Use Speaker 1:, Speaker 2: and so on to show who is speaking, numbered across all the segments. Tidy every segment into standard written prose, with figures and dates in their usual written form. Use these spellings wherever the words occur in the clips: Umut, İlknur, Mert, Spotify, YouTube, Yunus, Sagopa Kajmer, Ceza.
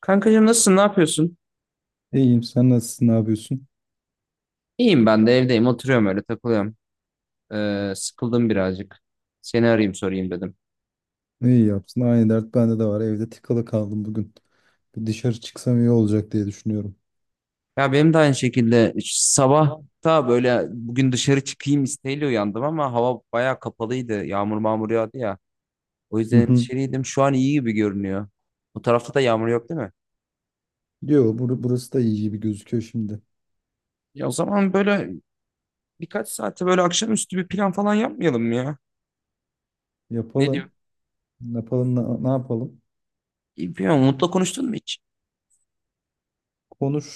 Speaker 1: Kankacığım nasılsın? Ne yapıyorsun?
Speaker 2: İyiyim. Sen nasılsın? Ne yapıyorsun?
Speaker 1: İyiyim ben de evdeyim. Oturuyorum öyle takılıyorum. Sıkıldım birazcık. Seni arayayım sorayım dedim.
Speaker 2: Ne yapsın? Aynı dert bende de var. Evde tıkalı kaldım bugün. Bir dışarı çıksam iyi olacak diye düşünüyorum.
Speaker 1: Ya benim de aynı şekilde sabah da böyle bugün dışarı çıkayım isteğiyle uyandım ama hava bayağı kapalıydı. Yağmur mağmur yağdı ya. O
Speaker 2: Hı
Speaker 1: yüzden
Speaker 2: hı.
Speaker 1: dışarıydım. Şu an iyi gibi görünüyor. Bu tarafta da yağmur yok değil mi?
Speaker 2: Yo, burası da iyi gibi gözüküyor şimdi.
Speaker 1: Ya o zaman böyle birkaç saate böyle akşamüstü bir plan falan yapmayalım mı ya. Ne diyor?
Speaker 2: Yapalım. Yapalım. Ne yapalım?
Speaker 1: Bilmiyorum. Umut'la konuştun mu hiç?
Speaker 2: Konuş.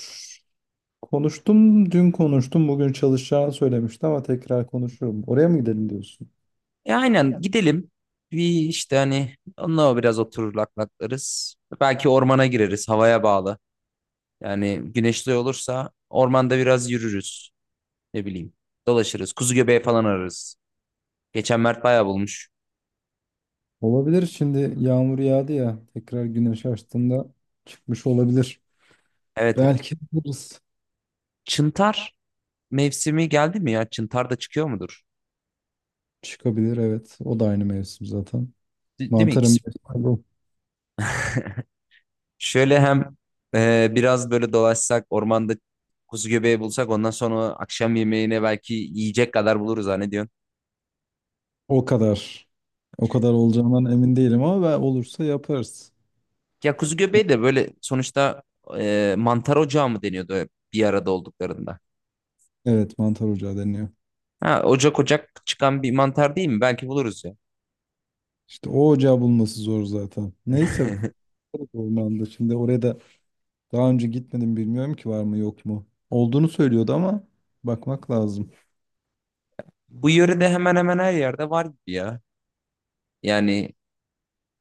Speaker 2: Konuştum. Dün konuştum. Bugün çalışacağını söylemişti ama tekrar konuşurum. Oraya mı gidelim diyorsun?
Speaker 1: E aynen gidelim. Bir işte hani onunla biraz oturur laklarız. Belki ormana gireriz havaya bağlı. Yani güneşli olursa ormanda biraz yürürüz. Ne bileyim dolaşırız. Kuzu göbeği falan ararız. Geçen Mert bayağı bulmuş.
Speaker 2: Olabilir. Şimdi yağmur yağdı ya. Tekrar güneş açtığında çıkmış olabilir.
Speaker 1: Evet.
Speaker 2: Belki buluruz.
Speaker 1: Çıntar mevsimi geldi mi ya? Çıntar da çıkıyor mudur?
Speaker 2: Çıkabilir, evet. O da aynı mevsim zaten.
Speaker 1: Değil mi
Speaker 2: Mantarım
Speaker 1: ikisi?
Speaker 2: o
Speaker 1: Şöyle hem biraz böyle dolaşsak ormanda kuzu göbeği bulsak ondan sonra akşam yemeğine belki yiyecek kadar buluruz ha ne diyorsun?
Speaker 2: o kadar. O kadar olacağından emin değilim ama ben olursa yaparız.
Speaker 1: Ya kuzu göbeği de böyle sonuçta mantar ocağı mı deniyordu bir arada olduklarında?
Speaker 2: Evet, mantar ocağı deniyor.
Speaker 1: Ha, ocak ocak çıkan bir mantar değil mi? Belki buluruz ya.
Speaker 2: İşte o ocağı bulması zor zaten. Neyse, ormanda şimdi oraya da daha önce gitmedim, bilmiyorum ki var mı yok mu. Olduğunu söylüyordu ama bakmak lazım.
Speaker 1: Bu yörede hemen hemen her yerde var gibi ya. Yani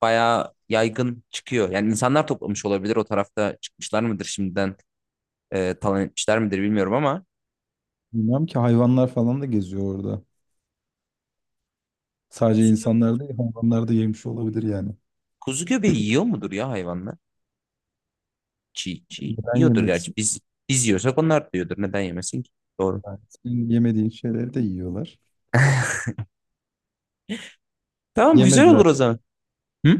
Speaker 1: bayağı yaygın çıkıyor. Yani insanlar toplamış olabilir. O tarafta çıkmışlar mıdır şimdiden talan etmişler midir bilmiyorum ama
Speaker 2: Bilmiyorum ki, hayvanlar falan da geziyor orada. Sadece
Speaker 1: kuzu göbe-
Speaker 2: insanlar değil, hayvanlar da yemiş olabilir yani.
Speaker 1: kuzu göbeği yiyor mudur ya hayvanlar? Çiğ çiğ
Speaker 2: Neden
Speaker 1: yiyordur gerçi.
Speaker 2: yemesin?
Speaker 1: Biz yiyorsak onlar da yiyordur. Neden yemesin ki? Doğru.
Speaker 2: Yani senin yemediğin şeyleri de yiyorlar.
Speaker 1: Tamam güzel olur
Speaker 2: Yemediler.
Speaker 1: o zaman. Hı?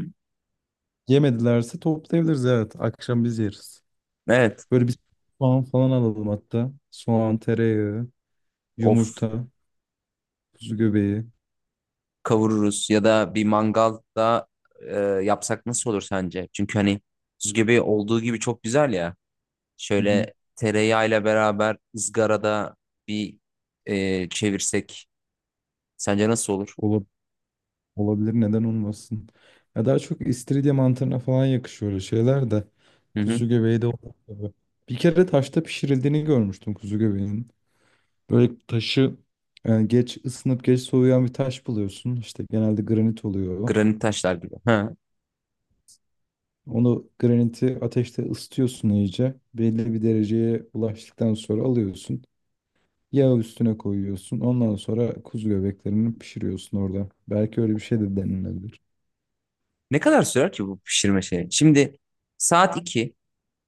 Speaker 2: Yemedilerse toplayabiliriz, evet. Akşam biz yeriz.
Speaker 1: Evet.
Speaker 2: Böyle bir soğan falan alalım hatta. Soğan, tereyağı,
Speaker 1: Of,
Speaker 2: yumurta, kuzu göbeği.
Speaker 1: kavururuz ya da bir mangalda e, yapsak nasıl olur sence? Çünkü hani buz gibi olduğu gibi çok güzel ya.
Speaker 2: Hı hı.
Speaker 1: Şöyle tereyağıyla beraber ızgarada bir çevirsek sence nasıl olur?
Speaker 2: Ola- Olabilir, neden olmasın. Ya daha çok istiridye mantarına falan yakışıyor öyle şeyler de.
Speaker 1: Hı hı.
Speaker 2: Kuzu göbeği de olur tabii. Bir kere taşta pişirildiğini görmüştüm kuzu göbeğinin. Böyle taşı, geç ısınıp geç soğuyan bir taş buluyorsun. İşte genelde granit oluyor o.
Speaker 1: Granit taşlar gibi. Ha.
Speaker 2: Onu, graniti, ateşte ısıtıyorsun iyice. Belli bir dereceye ulaştıktan sonra alıyorsun. Yağ üstüne koyuyorsun. Ondan sonra kuzu göbeklerini pişiriyorsun orada. Belki öyle bir şey de denilebilir.
Speaker 1: Ne kadar sürer ki bu pişirme şeyi? Şimdi saat 2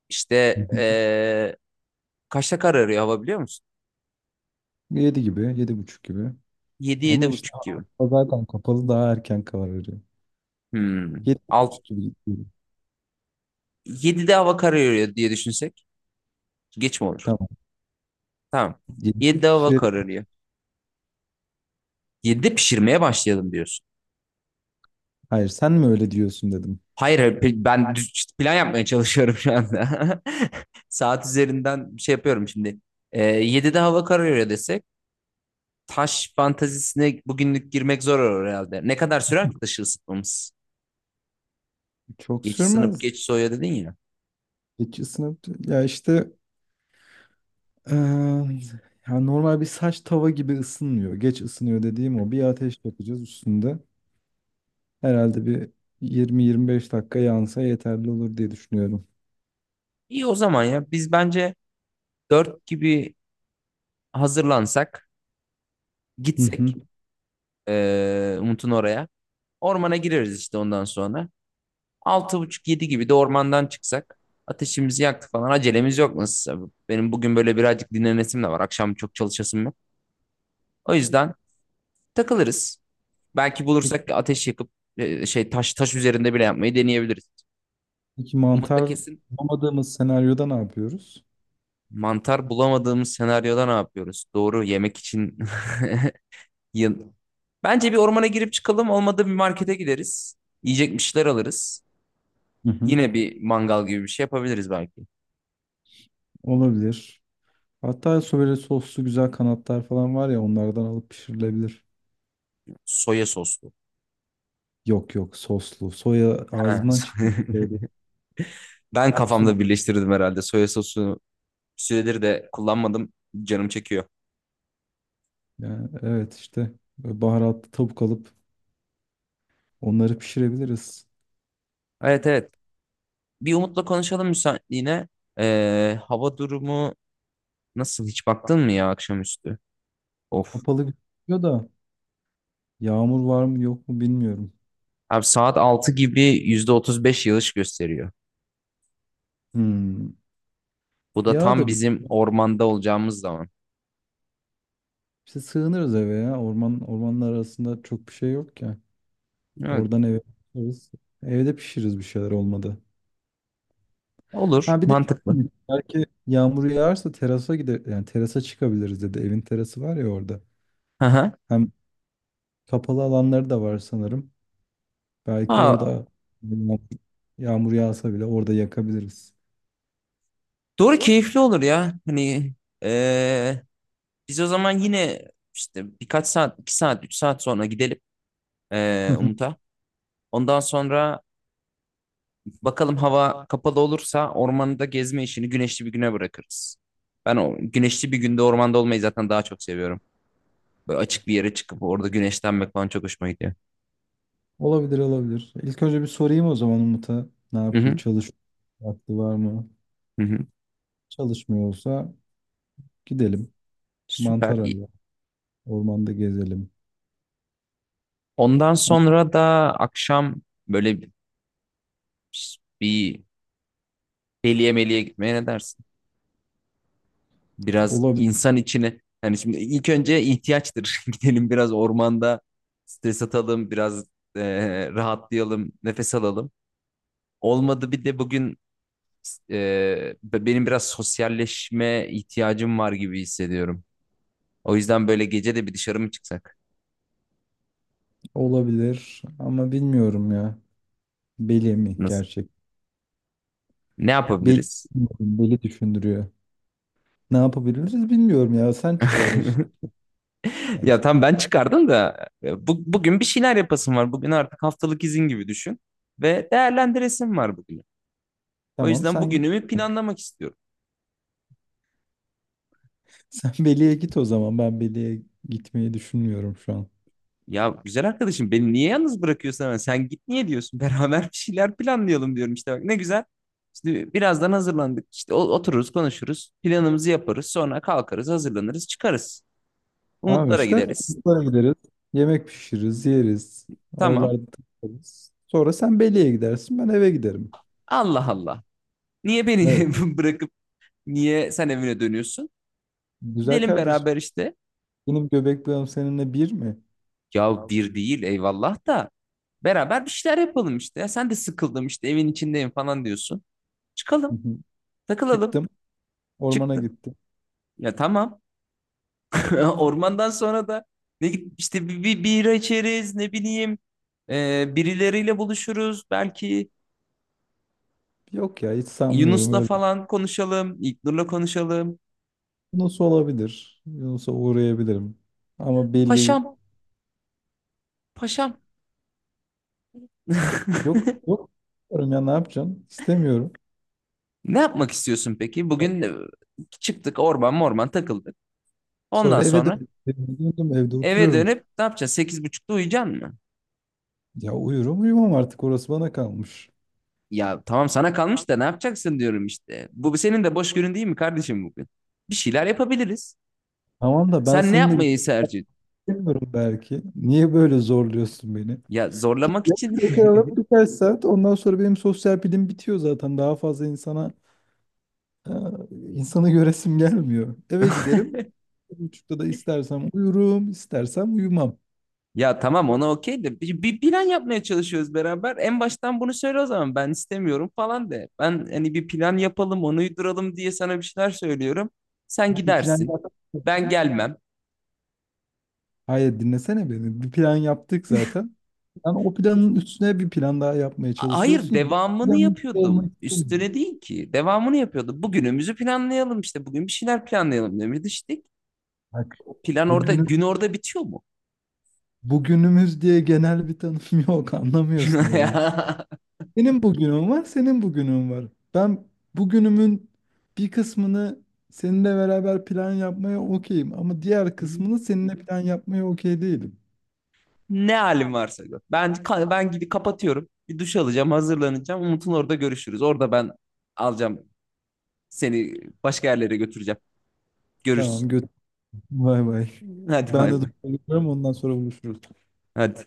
Speaker 1: işte
Speaker 2: Hı hı.
Speaker 1: kaçta kararıyor hava biliyor musun?
Speaker 2: Yedi gibi, yedi buçuk gibi.
Speaker 1: 7
Speaker 2: Ama
Speaker 1: yedi
Speaker 2: işte
Speaker 1: buçuk gibi.
Speaker 2: hava zaten kapalı, daha erken kararıyor.
Speaker 1: Hmm.
Speaker 2: Yedi
Speaker 1: Alt,
Speaker 2: buçuk gibi gidiyor.
Speaker 1: 7'de hava kararıyor diye düşünsek geç mi olur?
Speaker 2: Tamam.
Speaker 1: Tamam.
Speaker 2: Yedi gibi
Speaker 1: 7 hava
Speaker 2: pişirelim.
Speaker 1: kararıyor. 7'de pişirmeye başlayalım diyorsun.
Speaker 2: Hayır, sen mi öyle diyorsun dedim.
Speaker 1: Hayır, hayır, ben işte plan yapmaya çalışıyorum şu anda. Saat üzerinden şey yapıyorum şimdi. 7'de hava kararıyor desek taş fantazisine bugünlük girmek zor olur herhalde. Ne kadar sürer ki taşı ısıtmamız?
Speaker 2: Çok
Speaker 1: Geç sınıp
Speaker 2: sürmez.
Speaker 1: geç soya dedin ya.
Speaker 2: Geç ısınıp, ya işte, eee, ya normal bir saç tava gibi ısınmıyor. Geç ısınıyor dediğim o. Bir ateş yapacağız üstünde. Herhalde bir 20-25 dakika yansa yeterli olur diye düşünüyorum.
Speaker 1: İyi o zaman ya. Biz bence 4 gibi hazırlansak,
Speaker 2: Hı hı.
Speaker 1: gitsek Umut'un oraya. Ormana gireriz işte ondan sonra. Altı buçuk yedi gibi de ormandan çıksak ateşimizi yaktık falan acelemiz yok nasılsa. Benim bugün böyle birazcık dinlenesim de var. Akşam çok çalışasım yok. O yüzden takılırız. Belki
Speaker 2: Peki,
Speaker 1: bulursak ateş yakıp şey, taş üzerinde bile yapmayı deneyebiliriz.
Speaker 2: peki
Speaker 1: Umut'la
Speaker 2: mantar
Speaker 1: kesin
Speaker 2: bulamadığımız senaryoda ne yapıyoruz?
Speaker 1: mantar bulamadığımız senaryoda ne yapıyoruz? Doğru yemek için. yıl- Bence bir ormana girip çıkalım. Olmadı bir markete gideriz. Yiyecek bir şeyler alırız.
Speaker 2: Hı hı.
Speaker 1: Yine bir mangal gibi bir şey yapabiliriz belki.
Speaker 2: Olabilir. Hatta böyle soslu güzel kanatlar falan var ya, onlardan alıp pişirilebilir.
Speaker 1: Soya soslu.
Speaker 2: Yok yok, soslu. Soya
Speaker 1: Ha.
Speaker 2: ağzından çıkıyor. Böyle
Speaker 1: Ben
Speaker 2: soslu. Da.
Speaker 1: kafamda birleştirdim herhalde. Soya sosu süredir de kullanmadım. Canım çekiyor.
Speaker 2: Yani evet, işte böyle baharatlı tavuk alıp onları pişirebiliriz.
Speaker 1: Evet, evet. Bir Umut'la konuşalım müsaitliğine. Hava durumu nasıl? Hiç baktın mı ya akşamüstü? Of.
Speaker 2: Kapalı gözüküyor da yağmur var mı yok mu bilmiyorum.
Speaker 1: Abi saat 6 gibi %35 yağış gösteriyor.
Speaker 2: Hmm.
Speaker 1: Bu da
Speaker 2: Yağ
Speaker 1: tam
Speaker 2: da bir.
Speaker 1: bizim ormanda olacağımız zaman.
Speaker 2: İşte sığınırız eve ya. Orman, ormanlar arasında çok bir şey yok ki.
Speaker 1: Evet.
Speaker 2: Oradan eve pişiririz. Evde pişiririz bir şeyler, olmadı.
Speaker 1: Olur.
Speaker 2: Ha, bir de
Speaker 1: Mantıklı.
Speaker 2: belki yağmur yağarsa terasa gider, yani terasa çıkabiliriz dedi. Evin terası var ya orada.
Speaker 1: Hı hı.
Speaker 2: Hem kapalı alanları da var sanırım. Belki
Speaker 1: Ha,
Speaker 2: orada yağmur yağmur yağsa bile orada yakabiliriz.
Speaker 1: doğru, keyifli olur ya. Hani ee, biz o zaman yine işte birkaç saat, 2 saat, 3 saat sonra gidelim
Speaker 2: Hı hı.
Speaker 1: Umut'a. Ondan sonra bakalım hava kapalı olursa ormanda gezme işini güneşli bir güne bırakırız. Ben o güneşli bir günde ormanda olmayı zaten daha çok seviyorum. Böyle açık bir yere çıkıp orada güneşlenmek falan çok hoşuma gidiyor.
Speaker 2: Olabilir, olabilir. İlk önce bir sorayım o zaman Umut'a, ne
Speaker 1: Hı
Speaker 2: yapıyor?
Speaker 1: hı,
Speaker 2: Çalış vakti var mı?
Speaker 1: hı hı.
Speaker 2: Çalışmıyorsa gidelim.
Speaker 1: Süper.
Speaker 2: Mantar
Speaker 1: İyi.
Speaker 2: arayalım. Ormanda gezelim.
Speaker 1: Ondan sonra da akşam böyle bir deliye meliye gitmeye ne dersin? Biraz
Speaker 2: Olabilir,
Speaker 1: insan içine. Yani şimdi ilk önce ihtiyaçtır. Gidelim biraz ormanda stres atalım, biraz rahatlayalım, nefes alalım. Olmadı bir de bugün benim biraz sosyalleşme ihtiyacım var gibi hissediyorum. O yüzden böyle gece de bir dışarı mı çıksak?
Speaker 2: olabilir ama bilmiyorum ya. Beli mi
Speaker 1: Nasıl?
Speaker 2: gerçek?
Speaker 1: Ne
Speaker 2: Beli,
Speaker 1: yapabiliriz?
Speaker 2: bilmiyorum, beli düşündürüyor. Ne yapabiliriz bilmiyorum ya. Sen çıkardın şimdi. Yani
Speaker 1: Ya tam
Speaker 2: sen-
Speaker 1: ben çıkardım da bugün bir şeyler yapasım var. Bugün artık haftalık izin gibi düşün ve değerlendiresim var bugünü. O
Speaker 2: Tamam,
Speaker 1: yüzden
Speaker 2: sen git.
Speaker 1: bugünümü planlamak istiyorum.
Speaker 2: Sen Beli'ye git o zaman. Ben Beli'ye gitmeyi düşünmüyorum şu an.
Speaker 1: Ya güzel arkadaşım, beni niye yalnız bırakıyorsun hemen? Sen git niye diyorsun? Beraber bir şeyler planlayalım diyorum işte, bak ne güzel. Şimdi birazdan hazırlandık. İşte otururuz, konuşuruz. Planımızı yaparız. Sonra kalkarız, hazırlanırız, çıkarız.
Speaker 2: Tamam
Speaker 1: Umutlara
Speaker 2: işte.
Speaker 1: gideriz.
Speaker 2: Oralara gideriz. Yemek pişiririz, yeriz.
Speaker 1: Tamam.
Speaker 2: Oralarda takılırız. Sonra sen Beli'ye gidersin. Ben eve giderim.
Speaker 1: Allah Allah. Niye beni
Speaker 2: Evet.
Speaker 1: bırakıp niye sen evine dönüyorsun?
Speaker 2: Güzel
Speaker 1: Gidelim
Speaker 2: kardeşim.
Speaker 1: beraber işte.
Speaker 2: Benim göbek bağım seninle bir mi?
Speaker 1: Ya bir değil eyvallah da. Beraber bir şeyler yapalım işte. Ya sen de sıkıldım işte evin içindeyim falan diyorsun.
Speaker 2: Hı
Speaker 1: Çıkalım,
Speaker 2: hı.
Speaker 1: takılalım.
Speaker 2: Çıktım. Ormana
Speaker 1: Çıktı.
Speaker 2: gittim.
Speaker 1: Ya tamam. Ormandan sonra da işte bir bira içeriz, ne bileyim birileriyle buluşuruz belki,
Speaker 2: Yok ya, hiç sanmıyorum
Speaker 1: Yunus'la
Speaker 2: öyle.
Speaker 1: falan konuşalım, İlknur'la konuşalım,
Speaker 2: Yunus olabilir. Yunus'a uğrayabilirim. Ama belli,
Speaker 1: paşam, paşam.
Speaker 2: yok yok. Ya ne yapacaksın? İstemiyorum.
Speaker 1: Ne yapmak istiyorsun peki bugün? Çıktık, orman morman takıldık, ondan
Speaker 2: Sonra eve
Speaker 1: sonra
Speaker 2: döndüm. Evde
Speaker 1: eve
Speaker 2: oturuyorum.
Speaker 1: dönüp ne yapacaksın, 8.30'da uyuyacaksın mı?
Speaker 2: Ya uyurum, uyumam artık. Orası bana kalmış.
Speaker 1: Ya tamam, sana kalmış da ne yapacaksın diyorum işte. Bu senin de boş günün değil mi kardeşim? Bugün bir şeyler yapabiliriz.
Speaker 2: Tamam da ben
Speaker 1: Sen ne
Speaker 2: seninle bir şey
Speaker 1: yapmayı tercih...
Speaker 2: istemiyorum belki. Niye böyle zorluyorsun beni?
Speaker 1: Ya zorlamak için.
Speaker 2: Yakalım birkaç saat. Ondan sonra benim sosyal pilim bitiyor zaten. Daha fazla insana, e, insanı göresim gelmiyor. Eve giderim. Bir buçukta da istersem uyurum, istersem uyumam.
Speaker 1: Ya tamam, ona okey de, bir plan yapmaya çalışıyoruz beraber. En baştan bunu söyle o zaman, ben istemiyorum falan de. Ben hani bir plan yapalım onu uyduralım diye sana bir şeyler söylüyorum. Sen
Speaker 2: Bir plan
Speaker 1: gidersin.
Speaker 2: yapamam.
Speaker 1: Ben gelmem.
Speaker 2: Hayır, dinlesene beni. Bir plan yaptık zaten. Sen o planın üstüne bir plan daha yapmaya
Speaker 1: Hayır,
Speaker 2: çalışıyorsun. Ben o
Speaker 1: devamını
Speaker 2: planın üstünde
Speaker 1: yapıyordum.
Speaker 2: olmak istemiyorum.
Speaker 1: Üstüne değil ki. Devamını yapıyordum. Bugünümüzü planlayalım işte. Bugün bir şeyler planlayalım demiştik.
Speaker 2: Bak,
Speaker 1: O plan orada,
Speaker 2: bugünü,
Speaker 1: gün orada bitiyor mu?
Speaker 2: bugünümüz diye genel bir tanım yok, anlamıyorsun arada. Benim bugünüm var, senin bugünün var. Ben bugünümün bir kısmını seninle beraber plan yapmaya okeyim ama diğer
Speaker 1: Ya.
Speaker 2: kısmını seninle plan yapmaya okey değilim.
Speaker 1: Ne halim varsa gör. Ben ben gidip kapatıyorum. Bir duş alacağım, hazırlanacağım. Umut'un orada görüşürüz. Orada ben alacağım seni, başka yerlere götüreceğim. Görüşürüz.
Speaker 2: Tamam, götür. Bay bay.
Speaker 1: Hadi
Speaker 2: Ben
Speaker 1: bay
Speaker 2: de
Speaker 1: bay.
Speaker 2: duruyorum, ondan sonra buluşuruz.
Speaker 1: Hadi.